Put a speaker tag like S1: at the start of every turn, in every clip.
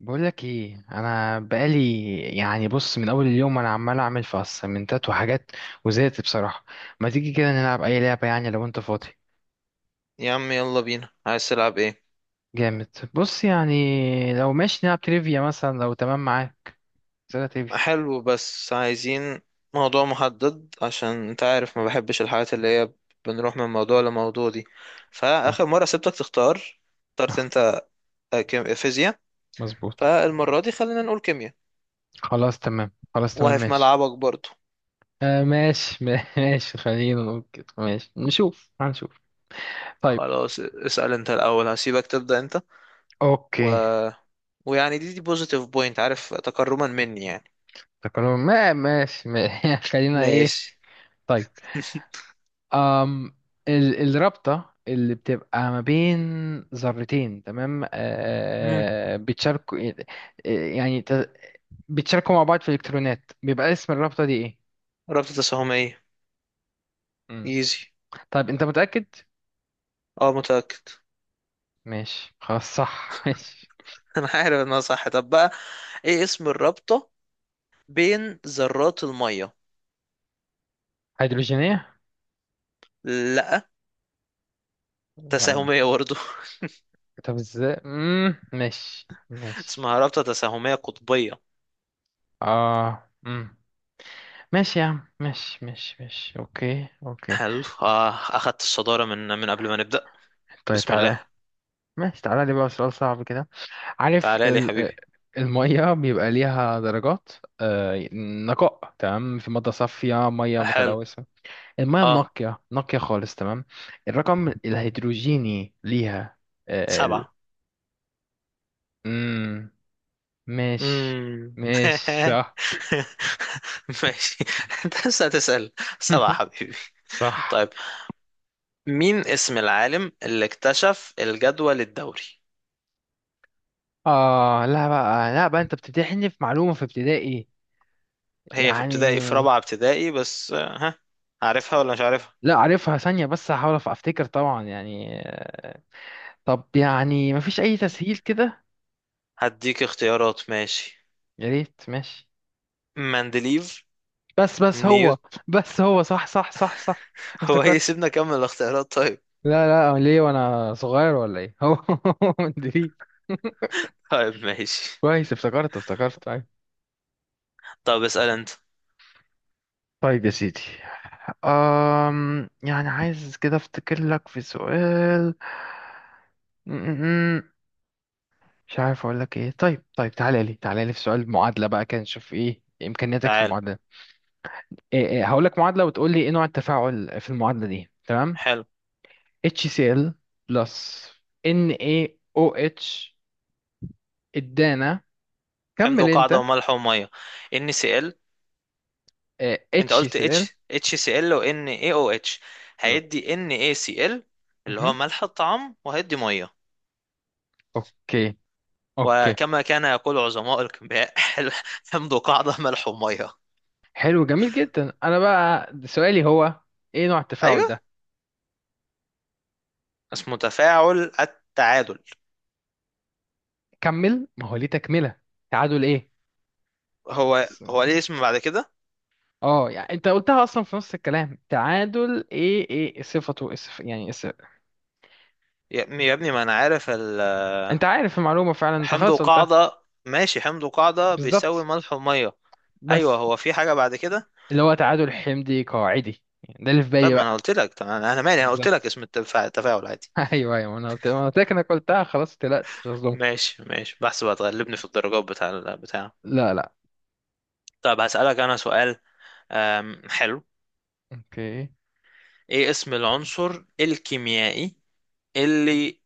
S1: بقولك ايه، انا بقالي يعني، بص، من اول اليوم انا عمال اعمل في اسايمنتات وحاجات، وزهقت بصراحه. ما تيجي كده نلعب اي لعبه يعني لو انت فاضي.
S2: يا عم، يلا بينا، عايز تلعب ايه؟
S1: جامد، بص يعني. لو ماشي نلعب تريفيا مثلا لو تمام معاك. اسئله تريفيا.
S2: حلو، بس عايزين موضوع محدد عشان انت عارف ما بحبش الحاجات اللي هي بنروح من موضوع لموضوع دي.
S1: آه،
S2: فآخر مرة سبتك تختار، اخترت
S1: آه،
S2: انت فيزياء.
S1: مظبوط.
S2: فالمرة دي خلينا نقول كيمياء،
S1: خلاص تمام، خلاص تمام،
S2: وهي في
S1: ماشي.
S2: ملعبك برضو.
S1: آه ماشي ماشي خلينا نقول كده، ماشي نشوف، هنشوف. طيب.
S2: خلاص، اسأل انت الأول، هسيبك تبدأ انت. و...
S1: اوكي.
S2: ويعني دي بوزيتيف بوينت، عارف، تكرما مني يعني.
S1: تكلم، ما ماشي ما خلينا ايه.
S2: ماشي.
S1: طيب. أم الرابطة اللي بتبقى ما بين ذرتين، تمام،
S2: مم.
S1: بتشاركوا، يعني بتشاركوا مع بعض في الإلكترونات، بيبقى اسم الرابطة دي إيه؟
S2: رابطة تساهمية.
S1: مم.
S2: ايزي.
S1: طيب، أنت متأكد؟
S2: اه متأكد.
S1: ماشي خلاص، صح ماشي.
S2: انا عارف انها صح. طب بقى، ايه اسم الرابطة بين ذرات المية؟
S1: هيدروجينية؟
S2: لا،
S1: لا.
S2: تساهمية برضه.
S1: طب ازاي؟ ماشي ماشي.
S2: اسمها رابطة تساهمية قطبية.
S1: اه مم. ماشي يا عم، ماشي ماشي ماشي، اوكي اوكي.
S2: حلو، اه، اخدت الصدارة من قبل ما نبدأ.
S1: طيب
S2: بسم الله.
S1: تعالى. ماشي تعالى لي بقى سؤال صعب كده. عارف
S2: تعالى لي يا حبيبي.
S1: المية بيبقى ليها درجات نقاء، تمام، في مادة صافية، مية
S2: حلو،
S1: متلوثة. المية
S2: اه.
S1: النقية، نقية خالص، تمام. الرقم الهيدروجيني ليها آه، ال...
S2: سبعة.
S1: مم، ماشي.
S2: امم
S1: ماشي، صح
S2: ماشي. انت لسه هتسأل؟ سبعة يا حبيبي.
S1: صح.
S2: طيب، مين اسم العالم اللي اكتشف الجدول الدوري؟
S1: اه لا بقى، لا بقى، انت بتمتحني في معلومة في ابتدائي
S2: هي في ابتدائي، في
S1: يعني.
S2: رابعة ابتدائي بس، ها، عارفها ولا مش عارفها؟
S1: لا عارفها ثانية، بس هحاول افتكر طبعا يعني. طب يعني مفيش أي تسهيل كده؟
S2: هديك اختيارات، ماشي.
S1: يا ريت، ماشي.
S2: مندليف.
S1: بس هو،
S2: نيوت.
S1: بس هو صح صح صح صح.
S2: هو
S1: افتكرت.
S2: سيبنا اكمل الاختيارات، طيب.
S1: لا لا، ليه وأنا صغير ولا إيه؟ هو مدريد.
S2: طيب ماشي.
S1: كويس، افتكرت افتكرت، أيوة.
S2: طب اسأل انت.
S1: طيب يا سيدي. يعني عايز كده افتكر لك في سؤال. م- م- م. مش عارف اقول لك ايه. طيب طيب، تعالى لي، تعالى لي في سؤال معادلة بقى، كان نشوف ايه امكانياتك في
S2: تعال.
S1: المعادلة. إيه هقول لك معادلة وتقول لي ايه نوع التفاعل في المعادلة دي، تمام.
S2: حلو.
S1: HCl بلس NaOH. ادانا.
S2: حمض
S1: كمل
S2: وقاعدة
S1: انت.
S2: وملح ومية. NaCl. انت قلت H،
S1: HCl.
S2: HCl و NaOH،
S1: بالظبط.
S2: هيدي NaCl اللي هو
S1: مهم.
S2: ملح الطعام، وهيدي مية.
S1: اوكي. اوكي.
S2: وكما كان يقول عظماء الكيمياء، حمض وقاعدة ملح ومية.
S1: حلو، جميل جدا. انا بقى سؤالي هو ايه نوع التفاعل
S2: ايوه،
S1: ده.
S2: اسمه تفاعل التعادل.
S1: كمل، ما هو ليه تكملة. تعادل ايه؟
S2: هو
S1: س-
S2: هو ليه اسم بعد كده؟
S1: اه يعني انت قلتها اصلا في نص الكلام. تعادل ايه، ايه صفته، اسف يعني، اسف.
S2: يا ابني يا ابني، ما انا عارف.
S1: انت عارف المعلومة فعلا، انت
S2: حمض
S1: خلاص قلتها.
S2: وقاعدة ماشي، حمض وقاعدة بيساوي
S1: بالظبط.
S2: ملح ومية. أيوة،
S1: بس
S2: هو في حاجة بعد كده؟
S1: اللي هو تعادل حمضي قاعدي، يعني ده اللي في
S2: طب
S1: بالي
S2: ما أنا
S1: بقى.
S2: قلت لك، طب أنا مالي، أنا قلت لك
S1: بالظبط.
S2: اسم التفاعل، التفاعل عادي.
S1: ايوه ايوه، انا قلت لك، انا قلتها خلاص، ما تقلقش، مش هظلمك.
S2: ماشي ماشي، بحسب هتغلبني في الدرجات بتاع البتاع.
S1: لا لا.
S2: طب هسألك أنا سؤال. حلو.
S1: اوكي.
S2: إيه اسم العنصر الكيميائي اللي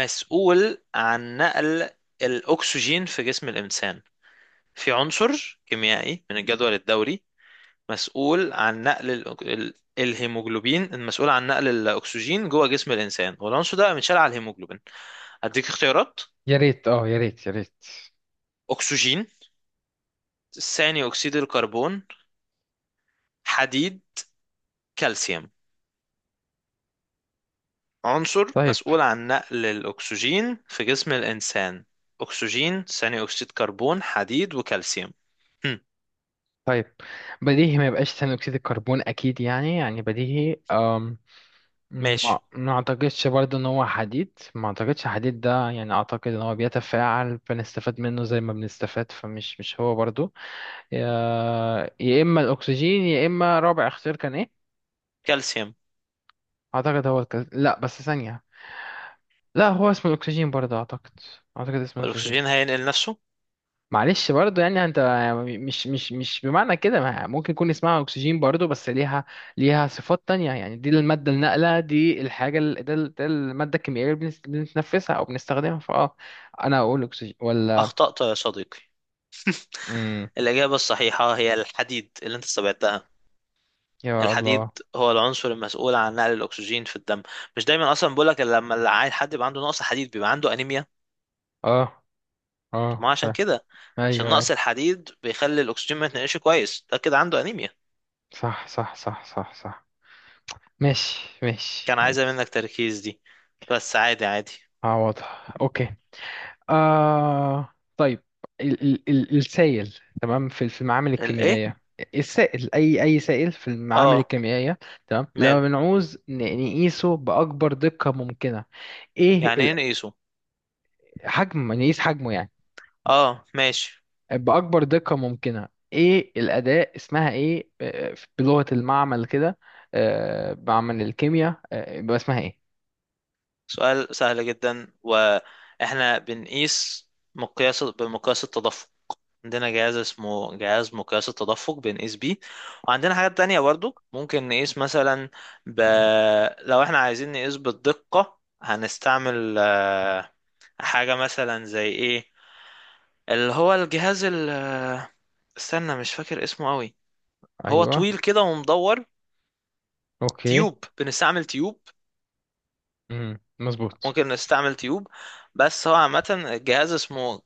S2: مسؤول عن نقل الأكسجين في جسم الإنسان؟ في عنصر كيميائي من الجدول الدوري مسؤول عن نقل الهيموجلوبين المسؤول عن نقل الأكسجين جوه جسم الإنسان، والعنصر ده بيتشال على الهيموجلوبين. هديك اختيارات:
S1: يا ريت، اه يا ريت يا ريت.
S2: أكسجين، ثاني أكسيد الكربون، حديد، كالسيوم. عنصر
S1: طيب.
S2: مسؤول عن نقل الأكسجين في جسم الإنسان؟ أكسجين، ثاني أكسيد كربون، حديد، وكالسيوم. هم.
S1: طيب بديهي ما يبقاش ثاني اكسيد الكربون اكيد يعني، يعني بديهي، ما
S2: ماشي،
S1: ما اعتقدش برضه ان هو حديد، ما اعتقدش حديد ده يعني، اعتقد ان هو بيتفاعل، بنستفاد منه زي ما بنستفاد، فمش مش هو برضه. يا يا اما الاكسجين، يا اما رابع اختيار كان ايه.
S2: كالسيوم
S1: اعتقد هو لا بس ثانية. لا هو اسمه الاكسجين برضه اعتقد. اعتقد اسمه الاكسجين.
S2: والأكسجين هينقل نفسه؟
S1: معلش برضه يعني. انت مش بمعنى كده، ما ممكن يكون اسمها اكسجين برضه، بس ليها ليها صفات تانية يعني، دي المادة الناقلة، دي الحاجة ده ده المادة الكيميائية اللي بنتنفسها او بنستخدمها، فاه، انا اقول اكسجين ولا؟
S2: أخطأت يا صديقي.
S1: امم
S2: الإجابة الصحيحة هي الحديد، اللي أنت استبعدتها.
S1: يا
S2: الحديد
S1: الله.
S2: هو العنصر المسؤول عن نقل الاكسجين في الدم. مش دايما اصلا بقول لك، لما العيل حد بيبقى عنده نقص حديد بيبقى عنده انيميا.
S1: اه
S2: طب
S1: اه،
S2: ما
S1: ف،
S2: عشان كده، عشان
S1: ايوه ايوه،
S2: نقص الحديد بيخلي الاكسجين ما يتنقلش كويس، ده كده عنده انيميا.
S1: صح صح صح صح صح. ماشي ماشي
S2: كان عايزه
S1: ماشي.
S2: منك تركيز دي، بس عادي عادي.
S1: اه واضح، اوكي. آه طيب. ال السائل، تمام، في المعامل
S2: الايه؟
S1: الكيميائية. السائل، أي سائل في المعامل
S2: اه
S1: الكيميائية، تمام، لما
S2: ماله.
S1: بنعوز نقيسه بأكبر دقة ممكنة. إيه
S2: يعني ايه نقيسه؟
S1: حجم، نقيس حجمه يعني،
S2: اه ماشي.
S1: بأكبر دقة ممكنة. إيه الأداة، اسمها إيه بلغة المعمل كده، معمل الكيمياء، يبقى اسمها إيه؟
S2: سؤال سهل جدا، واحنا بنقيس مقياس بمقياس التدفق. عندنا جهاز اسمه جهاز مقياس التدفق، بنقيس بيه. وعندنا حاجات تانية برضو ممكن نقيس مثلا ب... لو احنا عايزين نقيس بالدقة هنستعمل حاجة مثلا زي ايه، اللي هو الجهاز ال... آه، استنى، مش فاكر اسمه قوي. هو
S1: أيوه.
S2: طويل كده ومدور.
S1: أوكي.
S2: تيوب، بنستعمل تيوب.
S1: مم، مظبوط.
S2: ممكن نستعمل تيوب. بس هو عامة الجهاز اسمه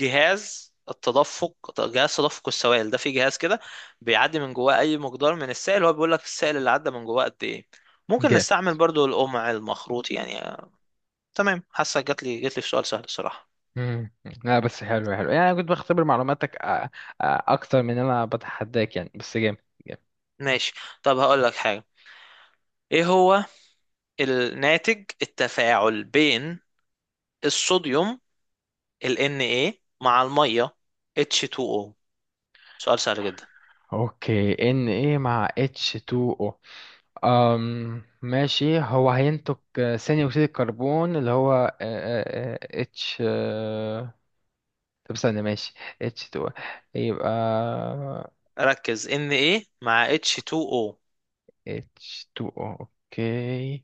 S2: جهاز التدفق، جهاز تدفق السوائل. ده في جهاز كده بيعدي من جواه اي مقدار من السائل، هو بيقول لك السائل اللي عدى من جواه قد ايه. ممكن نستعمل برضو القمع المخروط يعني. تمام، حاسه جات لي جات لي في سؤال سهل الصراحه.
S1: مم. لا بس حلو، حلو يعني، أنا كنت بختبر معلوماتك أ- اكتر من ان انا بتحداك يعني، بس جامد، جامد.
S2: ماشي. طب هقول لك حاجه. ايه هو الناتج التفاعل بين الصوديوم، ال Na، مع الميه H2O؟ سؤال سهل جدا.
S1: اوكي. ان ايه مع اتش 2 او؟ ماشي، هو هينتج ثاني اكسيد الكربون اللي هو اتش طب استنى، ماشي، اتش 2 او، يبقى
S2: ركز، Na مع H2O.
S1: اتش 2 او. اوكي.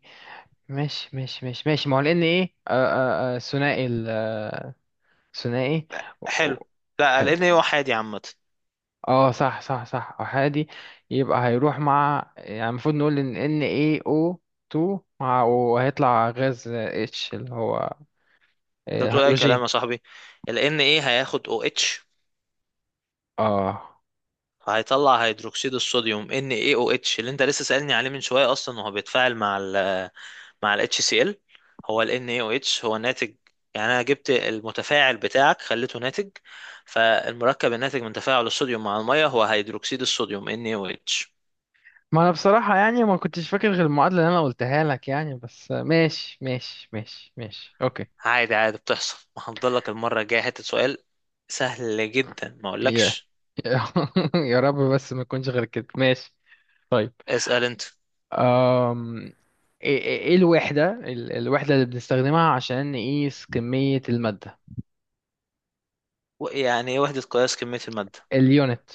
S1: ماشي ماشي ماشي ماشي، ما هو لان ايه ثنائي ثنائي.
S2: حلو. لا، ال Na وحيد يا عم.
S1: اه صح صح صح، احادي. يبقى هيروح مع يعني، المفروض نقول ان اي او 2 مع، وهيطلع غاز اتش اللي هو
S2: انت بتقول اي كلام
S1: هيدروجين.
S2: يا صاحبي. ال Na هياخد OH،
S1: اه،
S2: هيطلع هيدروكسيد الصوديوم NaOH، اللي انت لسه سألني عليه من شوية اصلا، وهو بيتفاعل مع ال مع ال HCl. هو ال NaOH هو ناتج، يعني انا جبت المتفاعل بتاعك خليته ناتج. فالمركب الناتج من تفاعل الصوديوم مع المية هو هيدروكسيد الصوديوم NaOH.
S1: ما انا بصراحة يعني ما كنتش فاكر غير المعادلة اللي انا قلتها لك يعني، بس ماشي ماشي ماشي ماشي، اوكي.
S2: عادي عادي، بتحصل. ما هفضلك المرة الجاية حتة سؤال سهل جدا، ما
S1: يا
S2: اقولكش.
S1: يا رب بس ما يكونش غير كده، ماشي. طيب.
S2: اسأل انت.
S1: أم... ايه إيه الوحدة الوحدة اللي بنستخدمها عشان نقيس كمية المادة؟
S2: يعني ايه وحدة قياس كمية المادة؟
S1: اليونت.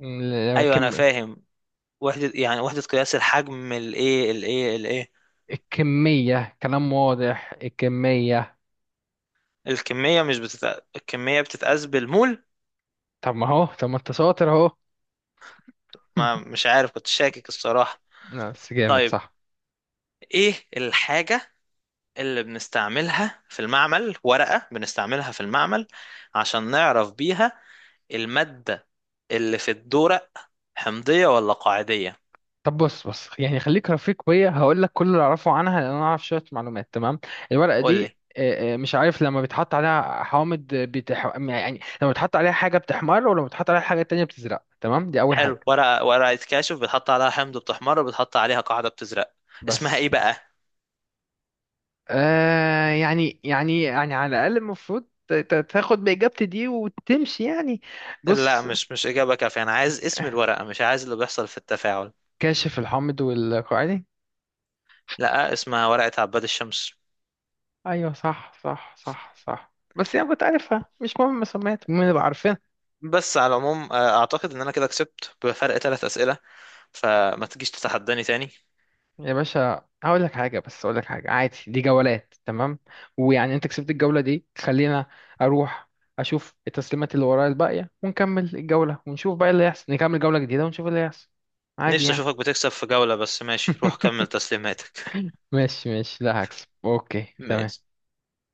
S1: م-
S2: ايوه انا
S1: كم...
S2: فاهم. وحدة، يعني وحدة قياس الحجم، الايه الايه الايه.
S1: الكمية، كلام واضح، الكمية.
S2: الكمية مش الكمية بتتقاس بالمول.
S1: طب ما هو، طب ما انت شاطر اهو.
S2: ما مش عارف، كنت شاكك الصراحة.
S1: لا بس جامد،
S2: طيب،
S1: صح.
S2: ايه الحاجة اللي بنستعملها في المعمل، ورقة بنستعملها في المعمل عشان نعرف بيها المادة اللي في الدورق حمضية ولا قاعدية؟
S1: طب بص، بص يعني، خليك رفيق بيا، هقول لك كل اللي اعرفه عنها، لان انا اعرف شويه معلومات، تمام. الورقه
S2: قول لي.
S1: دي مش عارف، لما بيتحط عليها حوامض يعني لما بيتحط عليها حاجه بتحمر، ولما بيتحط عليها حاجه تانية بتزرق، تمام، دي اول حاجه.
S2: حلو، ورقة، ورقة كاشف بتحط عليها حمض بتحمر وبتحط عليها قاعدة بتزرق. اسمها
S1: بس
S2: ايه بقى؟
S1: آه يعني، يعني يعني على الاقل المفروض تاخد باجابتي دي وتمشي يعني.
S2: لا،
S1: بص،
S2: مش مش إجابة كافية، أنا عايز اسم الورقة مش عايز اللي بيحصل في التفاعل.
S1: كاشف الحامض والقاعدي.
S2: لا، اسمها ورقة عباد الشمس.
S1: ايوه صح صح صح صح، بس يعني كنت عارفها، مش مهم سميت، المهم نبقى عارفينها.
S2: بس على العموم أعتقد إن أنا كده كسبت بفرق 3 أسئلة، فما تجيش تتحداني تاني.
S1: يا باشا هقول لك حاجه، بس اقول لك حاجه، عادي، دي جولات، تمام. ويعني انت كسبت الجوله دي، خلينا اروح اشوف التسليمات اللي ورايا الباقيه ونكمل الجوله ونشوف بقى اللي يحصل، نكمل جوله جديده ونشوف اللي يحصل. عادي
S2: نفسي
S1: يعني.
S2: أشوفك بتكسب في جولة. بس ماشي، روح كمل تسليماتك.
S1: ماشي ماشي، لا هكسب، اوكي تمام.
S2: ماشي.